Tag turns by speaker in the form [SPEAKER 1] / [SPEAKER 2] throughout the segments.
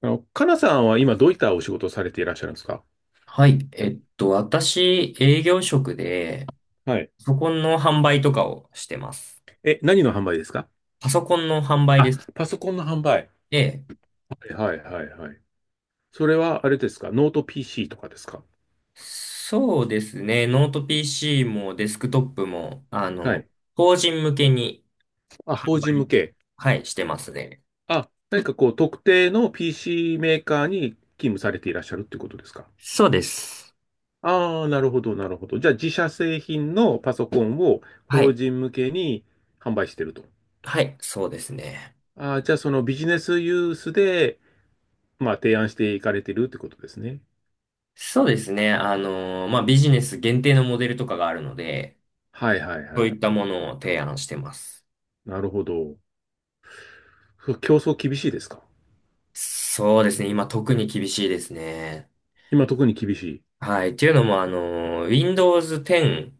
[SPEAKER 1] かなさんは今どういったお仕事をされていらっしゃるんですか？
[SPEAKER 2] はい。私、営業職で、
[SPEAKER 1] はい。
[SPEAKER 2] パソコンの販売とかをしてます。
[SPEAKER 1] え、何の販売ですか？
[SPEAKER 2] パソコンの販売
[SPEAKER 1] あ、
[SPEAKER 2] です。
[SPEAKER 1] パソコンの販売。
[SPEAKER 2] で、
[SPEAKER 1] はいはいはいはい。それはあれですかノート PC とかですか？
[SPEAKER 2] そうですね。ノート PC もデスクトップも、
[SPEAKER 1] はい。
[SPEAKER 2] 法人向けに
[SPEAKER 1] あ、
[SPEAKER 2] 販
[SPEAKER 1] 法人向
[SPEAKER 2] 売、
[SPEAKER 1] け。
[SPEAKER 2] はい、してますね。
[SPEAKER 1] あ、何かこう特定の PC メーカーに勤務されていらっしゃるっていうことですか？
[SPEAKER 2] そうです。
[SPEAKER 1] ああー、なるほどなるほど。じゃあ自社製品のパソコンを
[SPEAKER 2] は
[SPEAKER 1] 法
[SPEAKER 2] い。
[SPEAKER 1] 人向けに販売してると。
[SPEAKER 2] はい、そうですね。
[SPEAKER 1] ああ、じゃあそのビジネスユースで、まあ提案していかれてるってことですね。
[SPEAKER 2] そうですね。ビジネス限定のモデルとかがあるので、
[SPEAKER 1] はいはい
[SPEAKER 2] そ
[SPEAKER 1] は
[SPEAKER 2] う
[SPEAKER 1] い。
[SPEAKER 2] いったものを提案してます。
[SPEAKER 1] なるほど。競争厳しいですか？
[SPEAKER 2] そうですね。今特に厳しいですね。
[SPEAKER 1] 今特に厳しい。
[SPEAKER 2] はい。っていうのも、Windows 10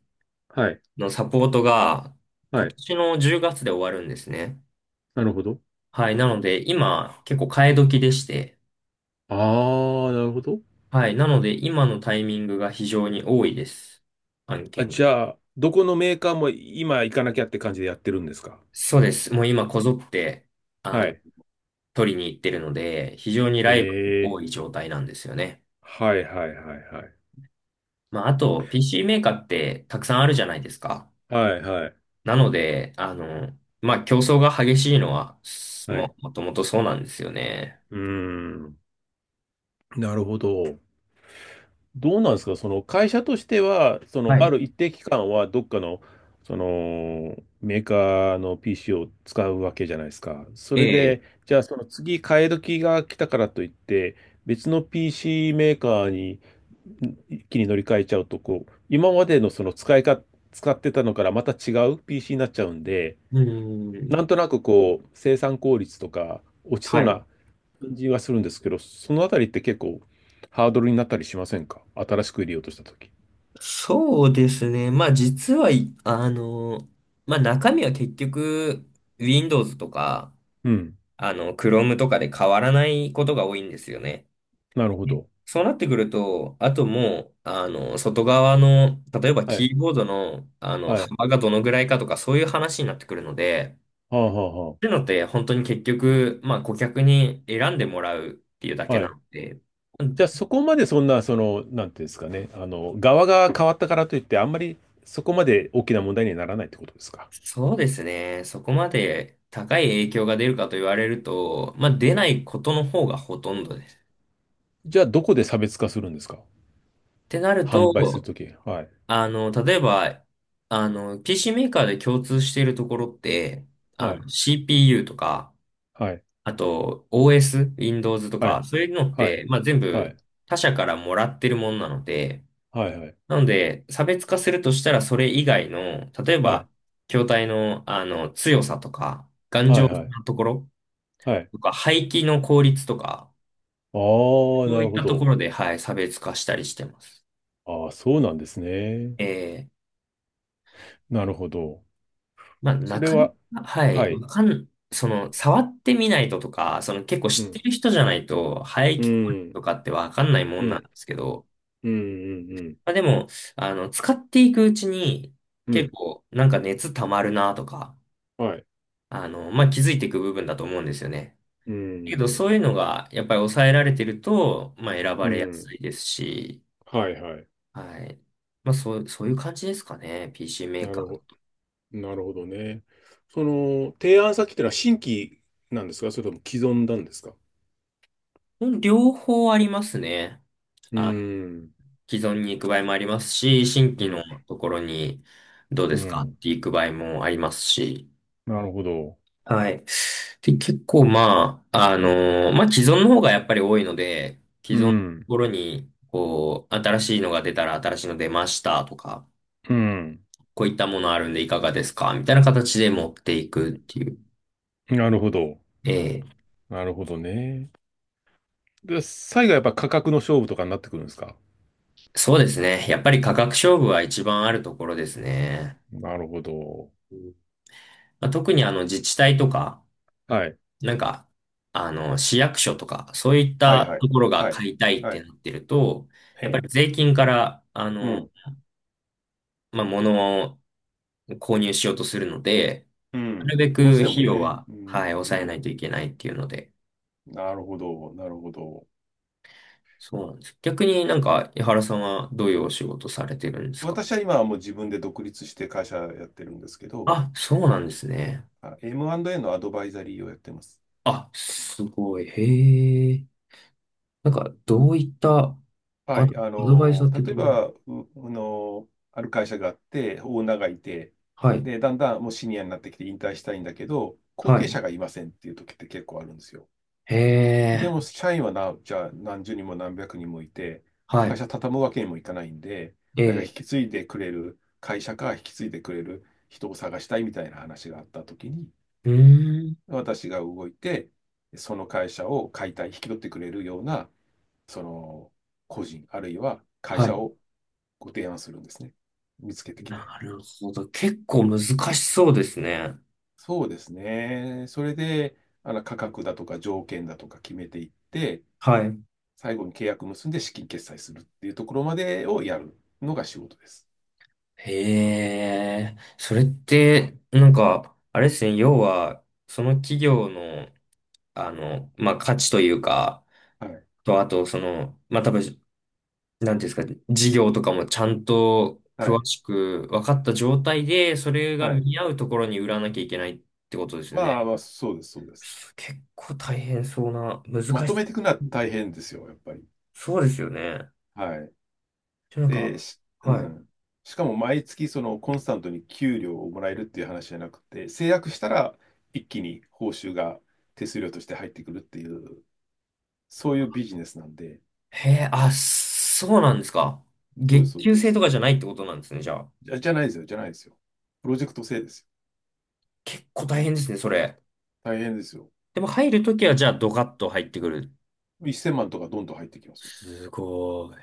[SPEAKER 1] はい。
[SPEAKER 2] のサポートが
[SPEAKER 1] は
[SPEAKER 2] 今
[SPEAKER 1] い。
[SPEAKER 2] 年の10月で終わるんですね。
[SPEAKER 1] なるほど。
[SPEAKER 2] はい。なので、今、結構替え時でして。
[SPEAKER 1] ああ、なるほど。
[SPEAKER 2] はい。なので、今のタイミングが非常に多いです。案
[SPEAKER 1] あ、
[SPEAKER 2] 件。
[SPEAKER 1] じゃあ、どこのメーカーも今行かなきゃって感じでやってるんですか？
[SPEAKER 2] そうです。もう今、こぞって、あ
[SPEAKER 1] は
[SPEAKER 2] の、
[SPEAKER 1] い。
[SPEAKER 2] 取りに行ってるので、非常にライバルが多
[SPEAKER 1] ええ
[SPEAKER 2] い状態なんですよね。
[SPEAKER 1] はいはいはいはい。
[SPEAKER 2] あと、PC メーカーってたくさんあるじゃないですか。
[SPEAKER 1] はいはい。
[SPEAKER 2] なので、競争が激しいのは、
[SPEAKER 1] はい。
[SPEAKER 2] もともとそうなんですよね。
[SPEAKER 1] うーん。なるほど。どうなんですか、その会社としては、その
[SPEAKER 2] は
[SPEAKER 1] あ
[SPEAKER 2] い。
[SPEAKER 1] る一定期間はどっかの、そのメーカーの PC を使うわけじゃないですか。そ
[SPEAKER 2] え
[SPEAKER 1] れ
[SPEAKER 2] え、
[SPEAKER 1] で、じゃあその次替え時が来たからといって、別の PC メーカーに一気に乗り換えちゃうと、こう、今までのその使いか、使ってたのからまた違う PC になっちゃうんで、
[SPEAKER 2] うー
[SPEAKER 1] な
[SPEAKER 2] ん。
[SPEAKER 1] んとなくこう、生産効率とか落ちそう
[SPEAKER 2] はい。
[SPEAKER 1] な感じはするんですけど、そのあたりって結構ハードルになったりしませんか、新しく入れようとしたとき。
[SPEAKER 2] そうですね。実は、いあの、まあ中身は結局 Windows とか、
[SPEAKER 1] うん。
[SPEAKER 2] Chrome とかで変わらないことが多いんですよね。
[SPEAKER 1] なるほ
[SPEAKER 2] ね、
[SPEAKER 1] ど。
[SPEAKER 2] そうなってくると、あともう、外側の、例えば
[SPEAKER 1] は
[SPEAKER 2] キ
[SPEAKER 1] い。
[SPEAKER 2] ーボードの、
[SPEAKER 1] はい。
[SPEAKER 2] 幅がどのぐらいかとか、そういう話になってくるので、
[SPEAKER 1] はあ、
[SPEAKER 2] っ
[SPEAKER 1] は
[SPEAKER 2] ていうのって、本当に結局、顧客に選んでもらうっていうだ
[SPEAKER 1] あ、
[SPEAKER 2] け
[SPEAKER 1] はあ。は
[SPEAKER 2] な
[SPEAKER 1] い。
[SPEAKER 2] ので、
[SPEAKER 1] じゃあそこまでそんな、その、なんていうんですかね、あの、側が変わったからといって、あんまりそこまで大きな問題にはならないってことですか？
[SPEAKER 2] そうですね。そこまで高い影響が出るかと言われると、出ないことの方がほとんどです。っ
[SPEAKER 1] じゃあどこで差別化するんですか？
[SPEAKER 2] てなる
[SPEAKER 1] 販売する
[SPEAKER 2] と、
[SPEAKER 1] とき。はい。
[SPEAKER 2] あの、例えば、あの、PC メーカーで共通しているところって、
[SPEAKER 1] はい。
[SPEAKER 2] CPU とか、
[SPEAKER 1] はい。
[SPEAKER 2] あと OS、Windows と
[SPEAKER 1] は
[SPEAKER 2] か、
[SPEAKER 1] い。
[SPEAKER 2] そういうのって、全
[SPEAKER 1] はい。
[SPEAKER 2] 部他社からもらってるものなので、
[SPEAKER 1] はい。はい。
[SPEAKER 2] なので、差別化するとしたらそれ以外の、例え
[SPEAKER 1] はい。
[SPEAKER 2] ば、筐体の、強さとか、
[SPEAKER 1] はい。はい。はい。
[SPEAKER 2] ところ、
[SPEAKER 1] はい。
[SPEAKER 2] とか、廃棄の効率とか、
[SPEAKER 1] ああ、
[SPEAKER 2] そ
[SPEAKER 1] な
[SPEAKER 2] うい
[SPEAKER 1] る
[SPEAKER 2] っ
[SPEAKER 1] ほ
[SPEAKER 2] たとこ
[SPEAKER 1] ど。
[SPEAKER 2] ろで、はい、差別化したりしてます。
[SPEAKER 1] ああ、そうなんですね。
[SPEAKER 2] ええ、
[SPEAKER 1] なるほど。そ
[SPEAKER 2] な
[SPEAKER 1] れ
[SPEAKER 2] かな
[SPEAKER 1] は、
[SPEAKER 2] か、はい、
[SPEAKER 1] は
[SPEAKER 2] わ
[SPEAKER 1] い。
[SPEAKER 2] かん、その、触ってみないととか、その結構
[SPEAKER 1] う
[SPEAKER 2] 知って
[SPEAKER 1] ん、
[SPEAKER 2] る人じゃないと、排
[SPEAKER 1] う
[SPEAKER 2] 気効率と
[SPEAKER 1] ん、
[SPEAKER 2] かってわかんないも
[SPEAKER 1] う
[SPEAKER 2] んなんで
[SPEAKER 1] ん、
[SPEAKER 2] すけど、
[SPEAKER 1] うん、うん、うん、
[SPEAKER 2] でも、使っていくうちに、
[SPEAKER 1] う
[SPEAKER 2] 結
[SPEAKER 1] ん
[SPEAKER 2] 構、なんか熱溜まるなとか、
[SPEAKER 1] はい、
[SPEAKER 2] 気づいていく部分だと思うんですよね。
[SPEAKER 1] う
[SPEAKER 2] けど、
[SPEAKER 1] ん、
[SPEAKER 2] そういうのが、やっぱり抑えられてると、選
[SPEAKER 1] う
[SPEAKER 2] ばれや
[SPEAKER 1] ん、
[SPEAKER 2] すいですし、
[SPEAKER 1] はい、はい。
[SPEAKER 2] はい。そういう感じですかね。PC メ
[SPEAKER 1] な
[SPEAKER 2] ー
[SPEAKER 1] る
[SPEAKER 2] カ
[SPEAKER 1] ほ
[SPEAKER 2] ー。
[SPEAKER 1] ど、なるほどね。その、提案先ってのは新規なんですかそれとも既存なんですか？
[SPEAKER 2] うん、両方ありますね。
[SPEAKER 1] う
[SPEAKER 2] あ、
[SPEAKER 1] ん、
[SPEAKER 2] 既存に行く場合もありますし、新
[SPEAKER 1] う
[SPEAKER 2] 規
[SPEAKER 1] ん、
[SPEAKER 2] のところにどう
[SPEAKER 1] う
[SPEAKER 2] ですかっ
[SPEAKER 1] ん。
[SPEAKER 2] て行く場合もありますし。
[SPEAKER 1] なるほど。
[SPEAKER 2] はい。で、結構既存の方がやっぱり多いので、既
[SPEAKER 1] う
[SPEAKER 2] 存のと
[SPEAKER 1] ん、
[SPEAKER 2] ころに、こう、新しいのが出たら新しいの出ましたとか、
[SPEAKER 1] うん。
[SPEAKER 2] こういったものあるんでいかがですかみたいな形で持っていくっていう。
[SPEAKER 1] なるほど。
[SPEAKER 2] ええ、
[SPEAKER 1] なるほどね。で、最後はやっぱ価格の勝負とかになってくるんですか？
[SPEAKER 2] そうですね。やっぱり価格勝負は一番あるところですね。
[SPEAKER 1] なるほど。
[SPEAKER 2] うん、特にあの自治体とか、
[SPEAKER 1] はい。
[SPEAKER 2] なんか、あの市役所とか、そういっ
[SPEAKER 1] はい
[SPEAKER 2] た
[SPEAKER 1] は
[SPEAKER 2] と
[SPEAKER 1] い。
[SPEAKER 2] ころが
[SPEAKER 1] はい。
[SPEAKER 2] 買いたいっ
[SPEAKER 1] は
[SPEAKER 2] て
[SPEAKER 1] い。
[SPEAKER 2] なってると、
[SPEAKER 1] え
[SPEAKER 2] やっぱ
[SPEAKER 1] え。
[SPEAKER 2] り税金から、
[SPEAKER 1] うん
[SPEAKER 2] 物を購入しようとするので、
[SPEAKER 1] う
[SPEAKER 2] な
[SPEAKER 1] ん。
[SPEAKER 2] るべく
[SPEAKER 1] どうしても
[SPEAKER 2] 費用
[SPEAKER 1] ね。
[SPEAKER 2] は、
[SPEAKER 1] う
[SPEAKER 2] はい、
[SPEAKER 1] ん、
[SPEAKER 2] 抑えな
[SPEAKER 1] う
[SPEAKER 2] いとい
[SPEAKER 1] ん。
[SPEAKER 2] けないっていうので、
[SPEAKER 1] なるほど、なるほど。
[SPEAKER 2] そうなんです。逆になんか、井原さんはどういうお仕事されてるんですか？
[SPEAKER 1] 私は今はもう自分で独立して会社やってるんですけど、
[SPEAKER 2] あ、そうなんですね。
[SPEAKER 1] あ、 M&A のアドバイザリーをやってます。
[SPEAKER 2] あ、すごい。へえ。なんか、どういった
[SPEAKER 1] はい。
[SPEAKER 2] アドバイザーっていう
[SPEAKER 1] 例
[SPEAKER 2] と、
[SPEAKER 1] えば、う、あの、ある会社があって、オーナーがいて、
[SPEAKER 2] はい、
[SPEAKER 1] で、だんだんもうシニアになってきて引退したいんだけど、後
[SPEAKER 2] は
[SPEAKER 1] 継
[SPEAKER 2] い、
[SPEAKER 1] 者がいませんっていう時って結構あるんですよ。
[SPEAKER 2] へ
[SPEAKER 1] でも、
[SPEAKER 2] え、
[SPEAKER 1] 社員はな、じゃあ何十人も何百人もいて、
[SPEAKER 2] は
[SPEAKER 1] 会
[SPEAKER 2] い、
[SPEAKER 1] 社畳むわけにもいかないんで、
[SPEAKER 2] え
[SPEAKER 1] あれが引
[SPEAKER 2] え、
[SPEAKER 1] き継いでくれる会社か引き継いでくれる人を探したいみたいな話があったときに、
[SPEAKER 2] うーん、
[SPEAKER 1] 私が動いて、その会社を解体、引き取ってくれるような、その個人、あるいは会
[SPEAKER 2] はい。
[SPEAKER 1] 社をご提案するんですね。見つけてきて。
[SPEAKER 2] なるほど。結構難しそうですね。
[SPEAKER 1] そうですね。それで、あの価格だとか条件だとか決めていって、
[SPEAKER 2] はい。
[SPEAKER 1] 最後に契約結んで資金決済するっていうところまでをやるのが仕事です。
[SPEAKER 2] へえ、それって、なんか、あれですね、要は、その企業の、価値というか、
[SPEAKER 1] はい。
[SPEAKER 2] と、あと、その、多分、なんていうんですか、事業とかもちゃんと
[SPEAKER 1] は
[SPEAKER 2] 詳
[SPEAKER 1] い。
[SPEAKER 2] しく分かった状態で、それが
[SPEAKER 1] はい。
[SPEAKER 2] 見合うところに売らなきゃいけないってことですよ
[SPEAKER 1] ま
[SPEAKER 2] ね。
[SPEAKER 1] あ、まあ、そうです、そうです。
[SPEAKER 2] 結構大変そうな、難
[SPEAKER 1] ま
[SPEAKER 2] し
[SPEAKER 1] と
[SPEAKER 2] い。
[SPEAKER 1] めていくのは大変ですよ、やっぱり。
[SPEAKER 2] そうですよね。
[SPEAKER 1] はい。
[SPEAKER 2] じゃなん
[SPEAKER 1] で、
[SPEAKER 2] か、
[SPEAKER 1] う
[SPEAKER 2] はい。
[SPEAKER 1] ん。しかも毎月そのコンスタントに給料をもらえるっていう話じゃなくて、制約したら一気に報酬が手数料として入ってくるっていう、そういうビジネスなんで、
[SPEAKER 2] へえ、あ、そうなんですか。
[SPEAKER 1] そうです、
[SPEAKER 2] 月
[SPEAKER 1] そう
[SPEAKER 2] 給
[SPEAKER 1] で
[SPEAKER 2] 制と
[SPEAKER 1] す。
[SPEAKER 2] かじゃないってことなんですね、じゃあ。
[SPEAKER 1] じゃないですよ、じゃないですよ。プロジェクト制ですよ。
[SPEAKER 2] 結構大変ですね、それ。
[SPEAKER 1] 大変ですよ。
[SPEAKER 2] でも入るときは、じゃあドカッと入ってくる。
[SPEAKER 1] 1000万とかどんどん入ってきますよ。
[SPEAKER 2] すごい。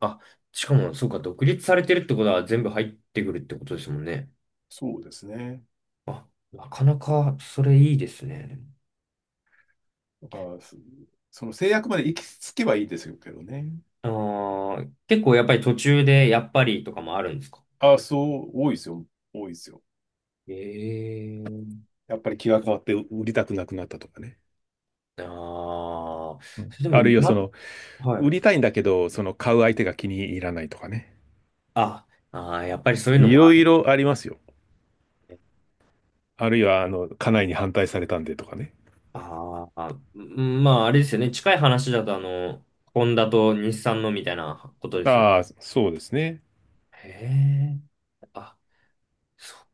[SPEAKER 2] あ、しかも、そうか、独立されてるってことは全部入ってくるってことですもんね。
[SPEAKER 1] そうですね。
[SPEAKER 2] あ、なかなかそれいいですね。
[SPEAKER 1] だから、その制約まで行き着けばいいですけどね。
[SPEAKER 2] あー、結構やっぱり途中でやっぱりとかもあるんですか？
[SPEAKER 1] ああ、そう、多いですよ。多いですよ。
[SPEAKER 2] ええー、
[SPEAKER 1] やっぱり気が変わって売りたくなくなったとかね。
[SPEAKER 2] ああー、
[SPEAKER 1] うん、
[SPEAKER 2] それで
[SPEAKER 1] ある
[SPEAKER 2] も、
[SPEAKER 1] いはそ
[SPEAKER 2] な、
[SPEAKER 1] の、
[SPEAKER 2] は
[SPEAKER 1] 売
[SPEAKER 2] い。
[SPEAKER 1] りたいんだけど、その買う相手が気に入らないとかね。
[SPEAKER 2] あ、あー、やっぱりそういうの
[SPEAKER 1] い
[SPEAKER 2] もあ
[SPEAKER 1] ろい
[SPEAKER 2] る
[SPEAKER 1] ろありますよ。
[SPEAKER 2] ね。
[SPEAKER 1] あるいは、家内に反対されたんでとかね。
[SPEAKER 2] ああ、うん、あれですよね。近い話だとホンダと日産のみたいなことですよ。
[SPEAKER 1] ああ、そうですね。
[SPEAKER 2] へえ。あ、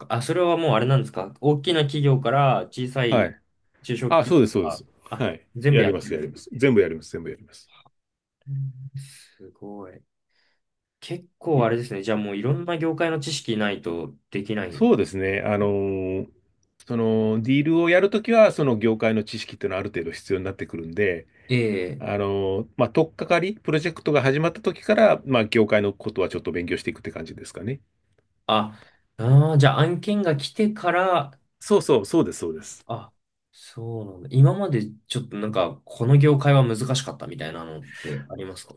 [SPEAKER 2] あ、それはもうあれなんですか？大きな企業から小さ
[SPEAKER 1] は
[SPEAKER 2] い
[SPEAKER 1] い。
[SPEAKER 2] 中小
[SPEAKER 1] ああ、
[SPEAKER 2] 企
[SPEAKER 1] そうで
[SPEAKER 2] 業
[SPEAKER 1] す、そうで
[SPEAKER 2] が、
[SPEAKER 1] す。
[SPEAKER 2] あ、
[SPEAKER 1] はい。
[SPEAKER 2] 全部
[SPEAKER 1] やり
[SPEAKER 2] やっ
[SPEAKER 1] ま
[SPEAKER 2] て
[SPEAKER 1] す、やり
[SPEAKER 2] る。
[SPEAKER 1] ます。全部やります、全部やります。
[SPEAKER 2] うん、すごい。結構あれですね。じゃあもういろんな業界の知識ないとできない。
[SPEAKER 1] そうですね。そのディールをやるときは、その業界の知識っていうのはある程度必要になってくるんで、
[SPEAKER 2] ええ。
[SPEAKER 1] まあ、取っかかり、プロジェクトが始まったときから、まあ、業界のことはちょっと勉強していくって感じですかね。
[SPEAKER 2] あ、ああ、じゃあ案件が来てから、
[SPEAKER 1] そうそう、そうです、そうです。
[SPEAKER 2] あ、そうなんだ。今までちょっとなんか、この業界は難しかったみたいなのってありますか？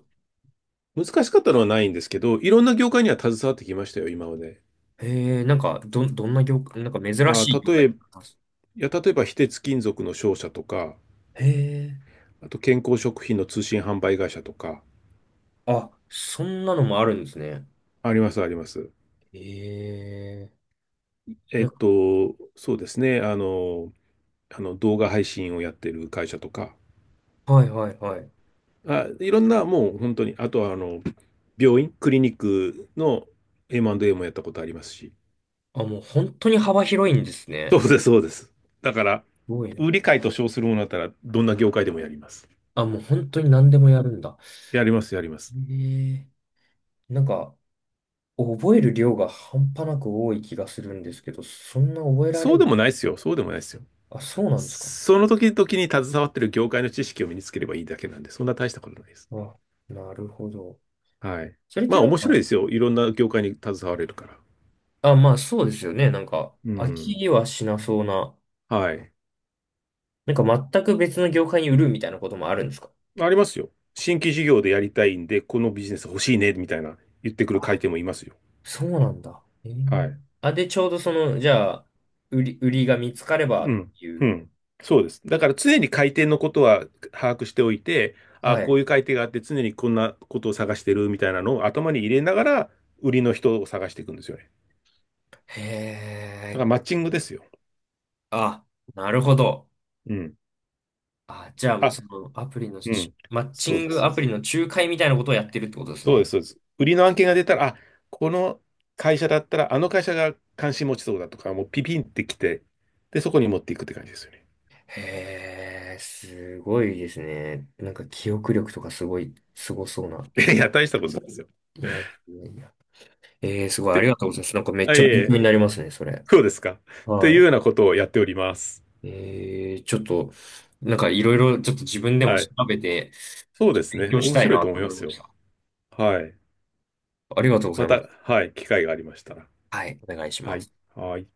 [SPEAKER 1] 難しかったのはないんですけど、いろんな業界には携わってきましたよ、今まで。
[SPEAKER 2] ええ、なんか、どんな業界、なんか珍
[SPEAKER 1] あ
[SPEAKER 2] しい業
[SPEAKER 1] ー、
[SPEAKER 2] 界
[SPEAKER 1] い
[SPEAKER 2] とかあります？
[SPEAKER 1] や、例えば、非鉄金属の商社とか、
[SPEAKER 2] へえ。
[SPEAKER 1] あと健康食品の通信販売会社とか、
[SPEAKER 2] あ、そんなのもあるんですね。
[SPEAKER 1] あります、あります。
[SPEAKER 2] ええ。なんか、
[SPEAKER 1] そうですね。動画配信をやってる会社とか、
[SPEAKER 2] はいはいはい。
[SPEAKER 1] あ、いろんなもう本当に、あとは病院、クリニックの M&A もやったことありますし、
[SPEAKER 2] あ、もう本当に幅広いんです
[SPEAKER 1] そ
[SPEAKER 2] ね。
[SPEAKER 1] うです、そうです。だから、
[SPEAKER 2] すごいな。
[SPEAKER 1] 売り買いと称するものだったら、どんな業界でもやります。
[SPEAKER 2] あ、もう本当に何でもやるんだ。
[SPEAKER 1] やります、やります。
[SPEAKER 2] ええ。なんか、覚える量が半端なく多い気がするんですけど、そんな覚えら
[SPEAKER 1] そ
[SPEAKER 2] れ
[SPEAKER 1] うで
[SPEAKER 2] る？
[SPEAKER 1] もないですよ、そうでもないですよ。
[SPEAKER 2] あ、そうなんですか。
[SPEAKER 1] その時々に携わってる業界の知識を身につければいいだけなんで、そんな大したことないです。
[SPEAKER 2] あ、なるほど。
[SPEAKER 1] はい。
[SPEAKER 2] それっ
[SPEAKER 1] ま
[SPEAKER 2] て
[SPEAKER 1] あ
[SPEAKER 2] なん
[SPEAKER 1] 面白いで
[SPEAKER 2] か、
[SPEAKER 1] すよ。いろんな業界に携われるから。
[SPEAKER 2] あ、そうですよね。なんか、
[SPEAKER 1] う
[SPEAKER 2] 飽
[SPEAKER 1] ん。
[SPEAKER 2] きはしなそうな、
[SPEAKER 1] はい。
[SPEAKER 2] なんか全く別の業界に売るみたいなこともあるんですか？
[SPEAKER 1] ありますよ。新規事業でやりたいんで、このビジネス欲しいね、みたいな言ってくる回
[SPEAKER 2] あ、
[SPEAKER 1] 転もいますよ。
[SPEAKER 2] そうなんだ。えー、
[SPEAKER 1] はい。
[SPEAKER 2] あ、で、ちょうどその、じゃあ、売りが見つかれば
[SPEAKER 1] う
[SPEAKER 2] っ
[SPEAKER 1] ん。
[SPEAKER 2] てい
[SPEAKER 1] う
[SPEAKER 2] う。
[SPEAKER 1] ん。そうです。だから常に回転のことは把握しておいて、
[SPEAKER 2] は
[SPEAKER 1] あ、こ
[SPEAKER 2] い。
[SPEAKER 1] ういう回転があって常にこんなことを探してるみたいなのを頭に入れながら、売りの人を探していくんですよね。
[SPEAKER 2] へ
[SPEAKER 1] だからマ
[SPEAKER 2] え。
[SPEAKER 1] ッチングですよ。
[SPEAKER 2] あ、なるほど。
[SPEAKER 1] うん。
[SPEAKER 2] あ、じゃあもう
[SPEAKER 1] あ、
[SPEAKER 2] そのアプリの
[SPEAKER 1] うん。
[SPEAKER 2] マッチ
[SPEAKER 1] そう
[SPEAKER 2] ン
[SPEAKER 1] です、
[SPEAKER 2] グ
[SPEAKER 1] そう
[SPEAKER 2] ア
[SPEAKER 1] で
[SPEAKER 2] プリ
[SPEAKER 1] す。
[SPEAKER 2] の仲介みたいなことをやってるってことです
[SPEAKER 1] そうで
[SPEAKER 2] ね。
[SPEAKER 1] す、そうです。売りの案件が出たら、あ、この会社だったら、あの会社が関心持ちそうだとか、もうピピンってきて、で、そこに持っていくって感じですよね。
[SPEAKER 2] へえ、すごいですね。なんか記憶力とかすごい、すごそうな。
[SPEAKER 1] いや、大したことないですよ。っ
[SPEAKER 2] いやいやいや。えー、すごい、あり
[SPEAKER 1] て
[SPEAKER 2] がとうございます。なんかめっ
[SPEAKER 1] あ、い
[SPEAKER 2] ちゃ
[SPEAKER 1] えい
[SPEAKER 2] 勉強
[SPEAKER 1] え、
[SPEAKER 2] になりますね、それ。
[SPEAKER 1] そうですか。っていう
[SPEAKER 2] は
[SPEAKER 1] ようなことをやっております。
[SPEAKER 2] い。えー、ちょっと、なんかいろいろちょっと自分でも
[SPEAKER 1] は
[SPEAKER 2] 調
[SPEAKER 1] い。
[SPEAKER 2] べて、
[SPEAKER 1] そうです
[SPEAKER 2] 勉
[SPEAKER 1] ね。
[SPEAKER 2] 強し
[SPEAKER 1] 面
[SPEAKER 2] たい
[SPEAKER 1] 白い
[SPEAKER 2] な
[SPEAKER 1] と
[SPEAKER 2] と
[SPEAKER 1] 思いま
[SPEAKER 2] 思い
[SPEAKER 1] す
[SPEAKER 2] ま
[SPEAKER 1] よ。
[SPEAKER 2] した。
[SPEAKER 1] はい。
[SPEAKER 2] ありがとうござい
[SPEAKER 1] ま
[SPEAKER 2] ま
[SPEAKER 1] た、
[SPEAKER 2] す。
[SPEAKER 1] はい。機会がありましたら。
[SPEAKER 2] はい、お願いし
[SPEAKER 1] は
[SPEAKER 2] ま
[SPEAKER 1] い。
[SPEAKER 2] す。
[SPEAKER 1] はい。